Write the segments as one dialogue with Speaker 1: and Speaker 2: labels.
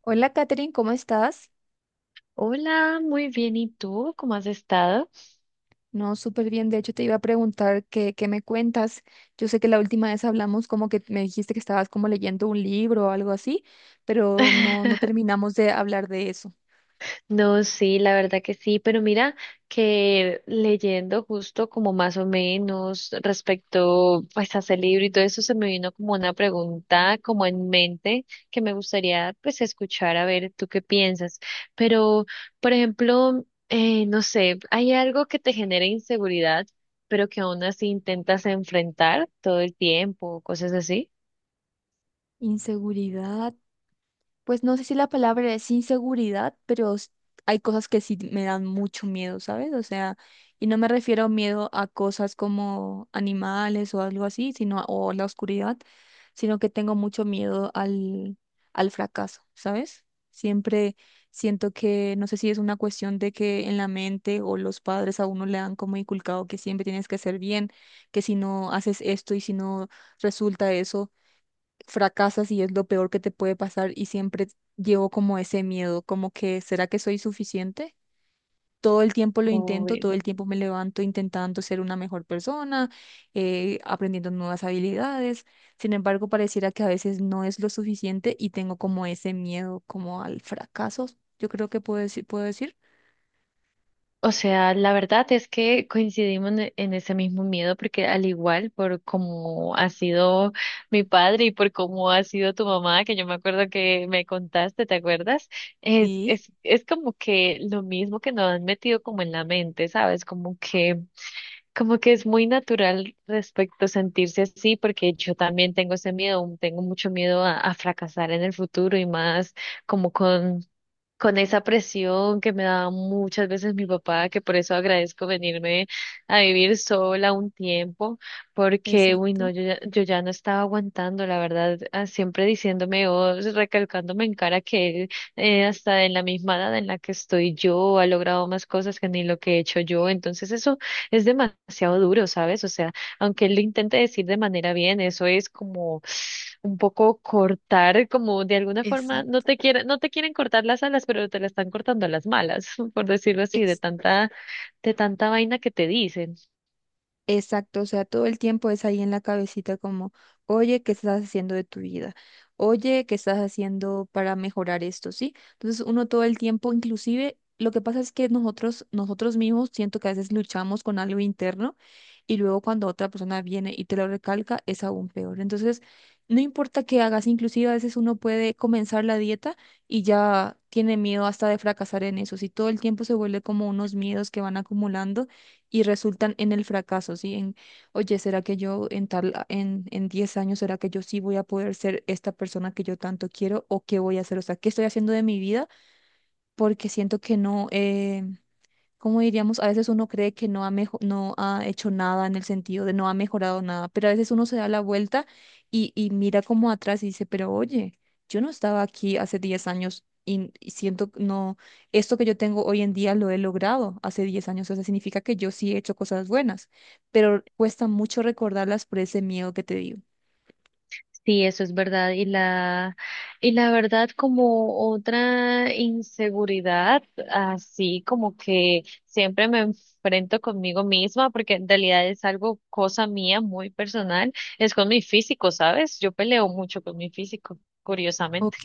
Speaker 1: Hola, Katherine, ¿cómo estás?
Speaker 2: Hola, muy bien. ¿Y tú? ¿Cómo has estado?
Speaker 1: No, súper bien. De hecho, te iba a preguntar qué me cuentas. Yo sé que la última vez hablamos como que me dijiste que estabas como leyendo un libro o algo así, pero no terminamos de hablar de eso.
Speaker 2: No, sí, la verdad que sí, pero mira que leyendo justo como más o menos respecto pues a ese libro y todo eso se me vino como una pregunta como en mente que me gustaría pues escuchar a ver tú qué piensas. Pero, por ejemplo, no sé, ¿hay algo que te genera inseguridad pero que aún así intentas enfrentar todo el tiempo, cosas así?
Speaker 1: Inseguridad. Pues no sé si la palabra es inseguridad, pero hay cosas que sí me dan mucho miedo, ¿sabes? O sea, y no me refiero a miedo a cosas como animales o algo así, o la oscuridad, sino que tengo mucho miedo al fracaso, ¿sabes? Siempre siento que, no sé si es una cuestión de que en la mente o los padres a uno le han como inculcado que siempre tienes que hacer bien, que si no haces esto y si no resulta eso fracasas y es lo peor que te puede pasar y siempre llevo como ese miedo, como que ¿será que soy suficiente? Todo el tiempo lo intento, todo el tiempo me levanto intentando ser una mejor persona, aprendiendo nuevas habilidades. Sin embargo, pareciera que a veces no es lo suficiente y tengo como ese miedo como al fracaso, yo creo que puedo decir.
Speaker 2: O sea, la verdad es que coincidimos en ese mismo miedo porque al igual por cómo ha sido mi padre y por cómo ha sido tu mamá, que yo me acuerdo que me contaste, ¿te acuerdas? Es,
Speaker 1: Sí,
Speaker 2: es, es como que lo mismo que nos han metido como en la mente, ¿sabes? Como que es muy natural respecto a sentirse así porque yo también tengo ese miedo, tengo mucho miedo a fracasar en el futuro y más como con esa presión que me daba muchas veces mi papá, que por eso agradezco venirme a vivir sola un tiempo, porque, uy, no,
Speaker 1: exacto.
Speaker 2: yo ya, yo ya no estaba aguantando, la verdad, ah, siempre diciéndome o recalcándome en cara que él, hasta en la misma edad en la que estoy yo, ha logrado más cosas que ni lo que he hecho yo, entonces eso es demasiado duro, ¿sabes? O sea, aunque él lo intente decir de manera bien, eso es como un poco cortar, como de alguna forma no
Speaker 1: Exacto.
Speaker 2: te quieren, no te quieren cortar las alas, pero te la están cortando a las malas, por decirlo así, de tanta vaina que te dicen.
Speaker 1: Exacto, o sea, todo el tiempo es ahí en la cabecita como, oye, ¿qué estás haciendo de tu vida? Oye, ¿qué estás haciendo para mejorar esto? ¿Sí? Entonces uno todo el tiempo, inclusive, lo que pasa es que nosotros mismos siento que a veces luchamos con algo interno y luego cuando otra persona viene y te lo recalca es aún peor. Entonces, no importa qué hagas, inclusive a veces uno puede comenzar la dieta y ya tiene miedo hasta de fracasar en eso. Si todo el tiempo se vuelve como unos miedos que van acumulando y resultan en el fracaso, ¿sí? En, oye, ¿será que yo en en 10 años, ¿será que yo sí voy a poder ser esta persona que yo tanto quiero o qué voy a hacer? O sea, ¿qué estoy haciendo de mi vida? Porque siento que no, como diríamos, a veces uno cree que no ha hecho nada en el sentido de no ha mejorado nada, pero a veces uno se da la vuelta y mira como atrás y dice, pero oye, yo no estaba aquí hace 10 años y siento, que no, esto que yo tengo hoy en día lo he logrado hace 10 años, o sea, significa que yo sí he hecho cosas buenas, pero cuesta mucho recordarlas por ese miedo que te digo.
Speaker 2: Sí, eso es verdad. Y la verdad, como otra inseguridad, así como que siempre me enfrento conmigo misma, porque en realidad es algo, cosa mía, muy personal, es con mi físico, ¿sabes? Yo peleo mucho con mi físico, curiosamente.
Speaker 1: Ok,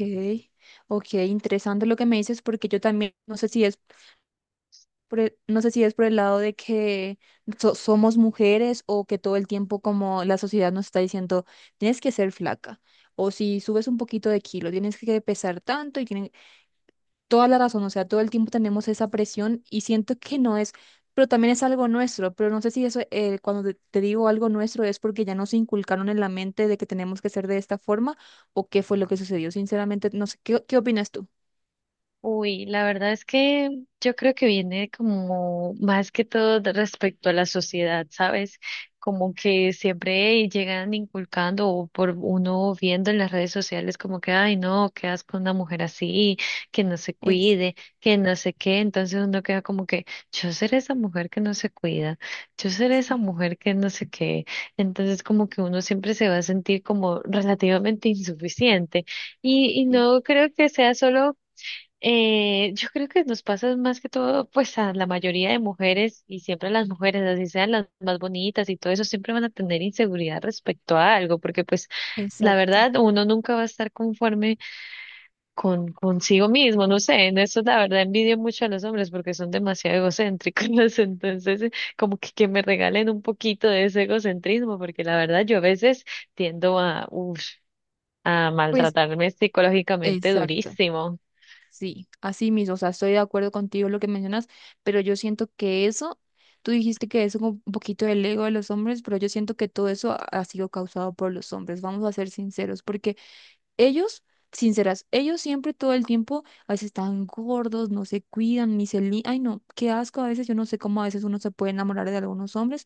Speaker 1: ok, interesante lo que me dices porque yo también, no sé si es no sé si es por el lado de que somos mujeres o que todo el tiempo como la sociedad nos está diciendo, tienes que ser flaca. O si subes un poquito de kilo, tienes que pesar tanto y tienen toda la razón. O sea, todo el tiempo tenemos esa presión y siento que no es, pero también es algo nuestro. Pero no sé si eso, te digo algo nuestro, es porque ya nos inculcaron en la mente de que tenemos que ser de esta forma o qué fue lo que sucedió. Sinceramente, no sé, ¿qué opinas tú?
Speaker 2: Uy, la verdad es que yo creo que viene como más que todo de respecto a la sociedad, ¿sabes? Como que siempre llegan inculcando o por uno viendo en las redes sociales como que, ay, no, qué asco una mujer así, que no se
Speaker 1: Es,
Speaker 2: cuide, que no sé qué. Entonces uno queda como que, yo seré esa mujer que no se cuida, yo seré esa
Speaker 1: sí,
Speaker 2: mujer que no sé qué. Entonces como que uno siempre se va a sentir como relativamente insuficiente. Y
Speaker 1: sí,
Speaker 2: no creo que sea solo yo creo que nos pasa más que todo, pues a la mayoría de mujeres y siempre las mujeres, así sean las más bonitas y todo eso, siempre van a tener inseguridad respecto a algo, porque pues la
Speaker 1: exacto.
Speaker 2: verdad uno nunca va a estar conforme con consigo mismo, no sé, en eso la verdad envidio mucho a los hombres porque son demasiado egocéntricos, entonces como que me regalen un poquito de ese egocentrismo, porque la verdad yo a veces tiendo a, uf, a
Speaker 1: Pues,
Speaker 2: maltratarme psicológicamente
Speaker 1: exacto.
Speaker 2: durísimo.
Speaker 1: Sí, así mismo, o sea, estoy de acuerdo contigo en lo que mencionas, pero yo siento que eso, tú dijiste que eso es como un poquito del ego de los hombres, pero yo siento que todo eso ha sido causado por los hombres, vamos a ser sinceros, porque ellos, sinceras, ellos siempre todo el tiempo, a veces están gordos, no se cuidan, ni se li... Ay, no, qué asco a veces, yo no sé cómo a veces uno se puede enamorar de algunos hombres,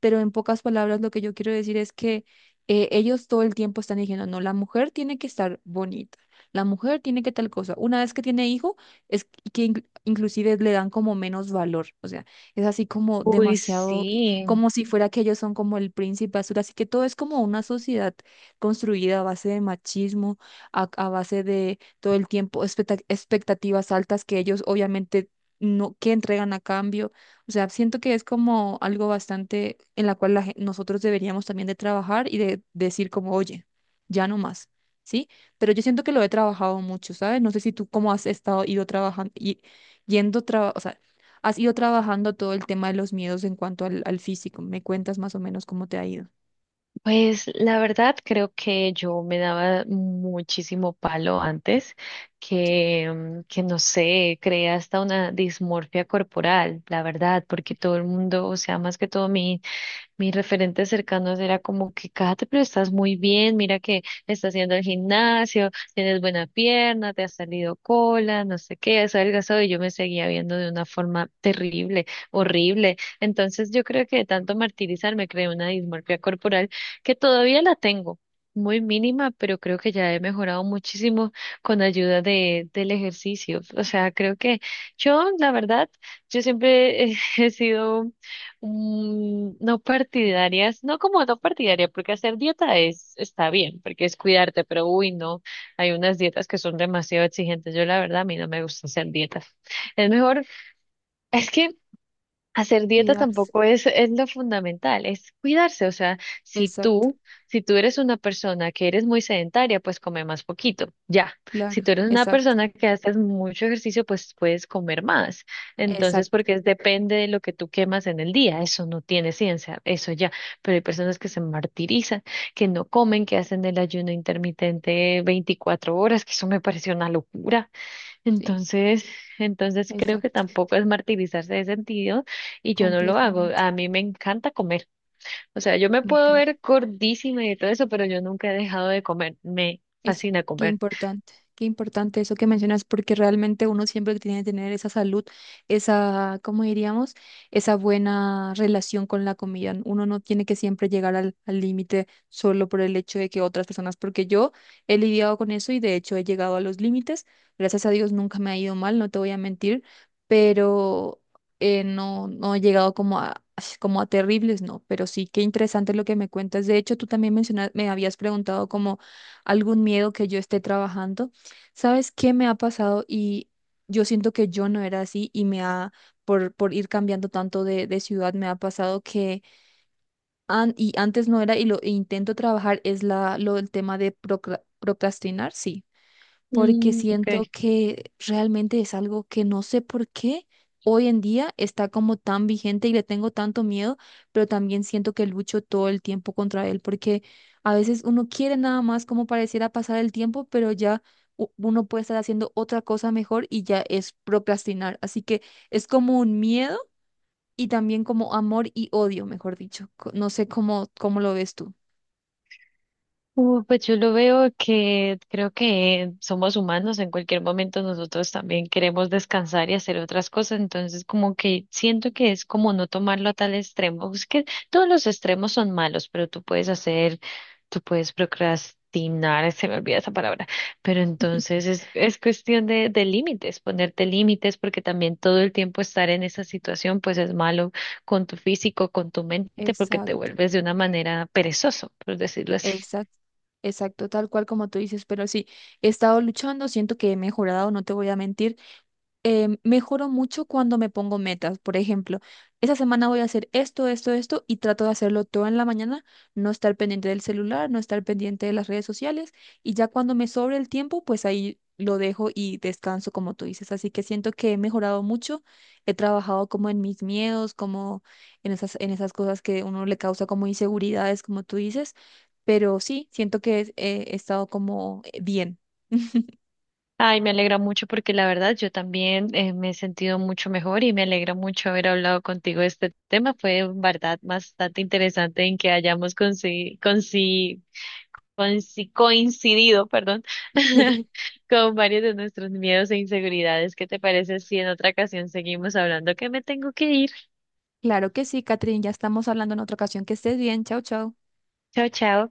Speaker 1: pero en pocas palabras lo que yo quiero decir es que ellos todo el tiempo están diciendo, no, la mujer tiene que estar bonita, la mujer tiene que tal cosa. Una vez que tiene hijo, es que inclusive le dan como menos valor, o sea, es así como
Speaker 2: Uy,
Speaker 1: demasiado,
Speaker 2: sí.
Speaker 1: como si fuera que ellos son como el príncipe azul, así que todo es como una sociedad construida a base de machismo, a base de todo el tiempo expectativas altas que ellos obviamente no, que entregan a cambio. O sea, siento que es como algo bastante en la cual la nosotros deberíamos también de trabajar y de decir como, oye, ya no más. ¿Sí? Pero yo siento que lo he trabajado mucho, ¿sabes? No sé si tú cómo has estado, ido trabajando, o sea, has ido trabajando todo el tema de los miedos en cuanto al físico. ¿Me cuentas más o menos cómo te ha ido?
Speaker 2: Pues la verdad creo que yo me daba muchísimo palo antes, que, que no sé, creé hasta una dismorfia corporal, la verdad, porque todo el mundo, o sea, más que todo mi mis referentes cercanos era como que, Kate, pero estás muy bien, mira que estás haciendo el gimnasio, tienes buena pierna, te ha salido cola, no sé qué, has adelgazado y yo me seguía viendo de una forma terrible, horrible. Entonces yo creo que de tanto martirizar me creé una dismorfia corporal que todavía la tengo. Muy mínima, pero creo que ya he mejorado muchísimo con ayuda de, del ejercicio. O sea, creo que yo, la verdad, yo siempre he sido no partidarias, no como no partidaria, porque hacer dieta es, está bien, porque es cuidarte, pero uy, no, hay unas dietas que son demasiado exigentes. Yo la verdad, a mí no me gusta hacer dietas. Es mejor, es que hacer dieta
Speaker 1: Cuidarse.
Speaker 2: tampoco es, es lo fundamental, es cuidarse. O sea, si
Speaker 1: Exacto.
Speaker 2: tú, si tú eres una persona que eres muy sedentaria, pues come más poquito, ya. Si
Speaker 1: Claro,
Speaker 2: tú eres una
Speaker 1: exacto,
Speaker 2: persona que haces mucho ejercicio, pues puedes comer más. Entonces,
Speaker 1: exacto,
Speaker 2: porque es- depende de lo que tú quemas en el día, eso no tiene ciencia, eso ya. Pero hay personas que se martirizan, que no comen, que hacen el ayuno intermitente 24 horas, que eso me parece una locura.
Speaker 1: sí,
Speaker 2: Entonces, entonces creo que
Speaker 1: exacto,
Speaker 2: tampoco es martirizarse de sentido y yo no lo hago.
Speaker 1: completamente.
Speaker 2: A mí me encanta comer. O sea, yo me
Speaker 1: Ok,
Speaker 2: puedo ver gordísima y todo eso, pero yo nunca he dejado de comer. Me
Speaker 1: es
Speaker 2: fascina comer.
Speaker 1: qué importante eso que mencionas, porque realmente uno siempre tiene que tener esa salud, esa, ¿cómo diríamos? Esa buena relación con la comida. Uno no tiene que siempre llegar al al límite solo por el hecho de que otras personas, porque yo he lidiado con eso y de hecho he llegado a los límites. Gracias a Dios nunca me ha ido mal, no te voy a mentir, pero no he llegado como a, como a terribles, no, pero sí, qué interesante lo que me cuentas. De hecho, tú también mencionas, me habías preguntado como algún miedo que yo esté trabajando. ¿Sabes qué me ha pasado? Y yo siento que yo no era así y me ha, por ir cambiando tanto de ciudad, me ha pasado que, y antes no era, y lo e intento trabajar, lo del tema de procrastinar, sí porque
Speaker 2: Mm, ok.
Speaker 1: siento que realmente es algo que no sé por qué hoy en día está como tan vigente y le tengo tanto miedo, pero también siento que lucho todo el tiempo contra él, porque a veces uno quiere nada más como pareciera pasar el tiempo, pero ya uno puede estar haciendo otra cosa mejor y ya es procrastinar. Así que es como un miedo y también como amor y odio, mejor dicho. No sé cómo lo ves tú.
Speaker 2: Pues yo lo veo que creo que somos humanos, en cualquier momento nosotros también queremos descansar y hacer otras cosas, entonces como que siento que es como no tomarlo a tal extremo, es que todos los extremos son malos, pero tú puedes hacer, tú puedes procrastinar, se me olvida esa palabra, pero entonces es cuestión de límites, ponerte límites, porque también todo el tiempo estar en esa situación pues es malo con tu físico, con tu mente, porque te
Speaker 1: Exacto.
Speaker 2: vuelves de una manera perezoso, por decirlo así.
Speaker 1: Exacto, exacto, tal cual como tú dices, pero sí, he estado luchando, siento que he mejorado, no te voy a mentir mejoro mucho cuando me pongo metas. Por ejemplo, esa semana voy a hacer esto, esto, esto y trato de hacerlo todo en la mañana, no estar pendiente del celular, no estar pendiente de las redes sociales y ya cuando me sobre el tiempo, pues ahí lo dejo y descanso como tú dices. Así que siento que he mejorado mucho, he trabajado como en mis miedos, como en esas cosas que uno le causa como inseguridades, como tú dices. Pero sí, siento que he estado como bien.
Speaker 2: Ay, me alegra mucho porque la verdad yo también me he sentido mucho mejor y me alegra mucho haber hablado contigo de este tema. Fue en verdad bastante interesante en que hayamos coincidido, perdón, con varios de nuestros miedos e inseguridades. ¿Qué te parece si en otra ocasión seguimos hablando? Que me tengo que ir.
Speaker 1: Claro que sí, Catherine, ya estamos hablando en otra ocasión. Que estés bien. Chao, chao.
Speaker 2: Chao, chao.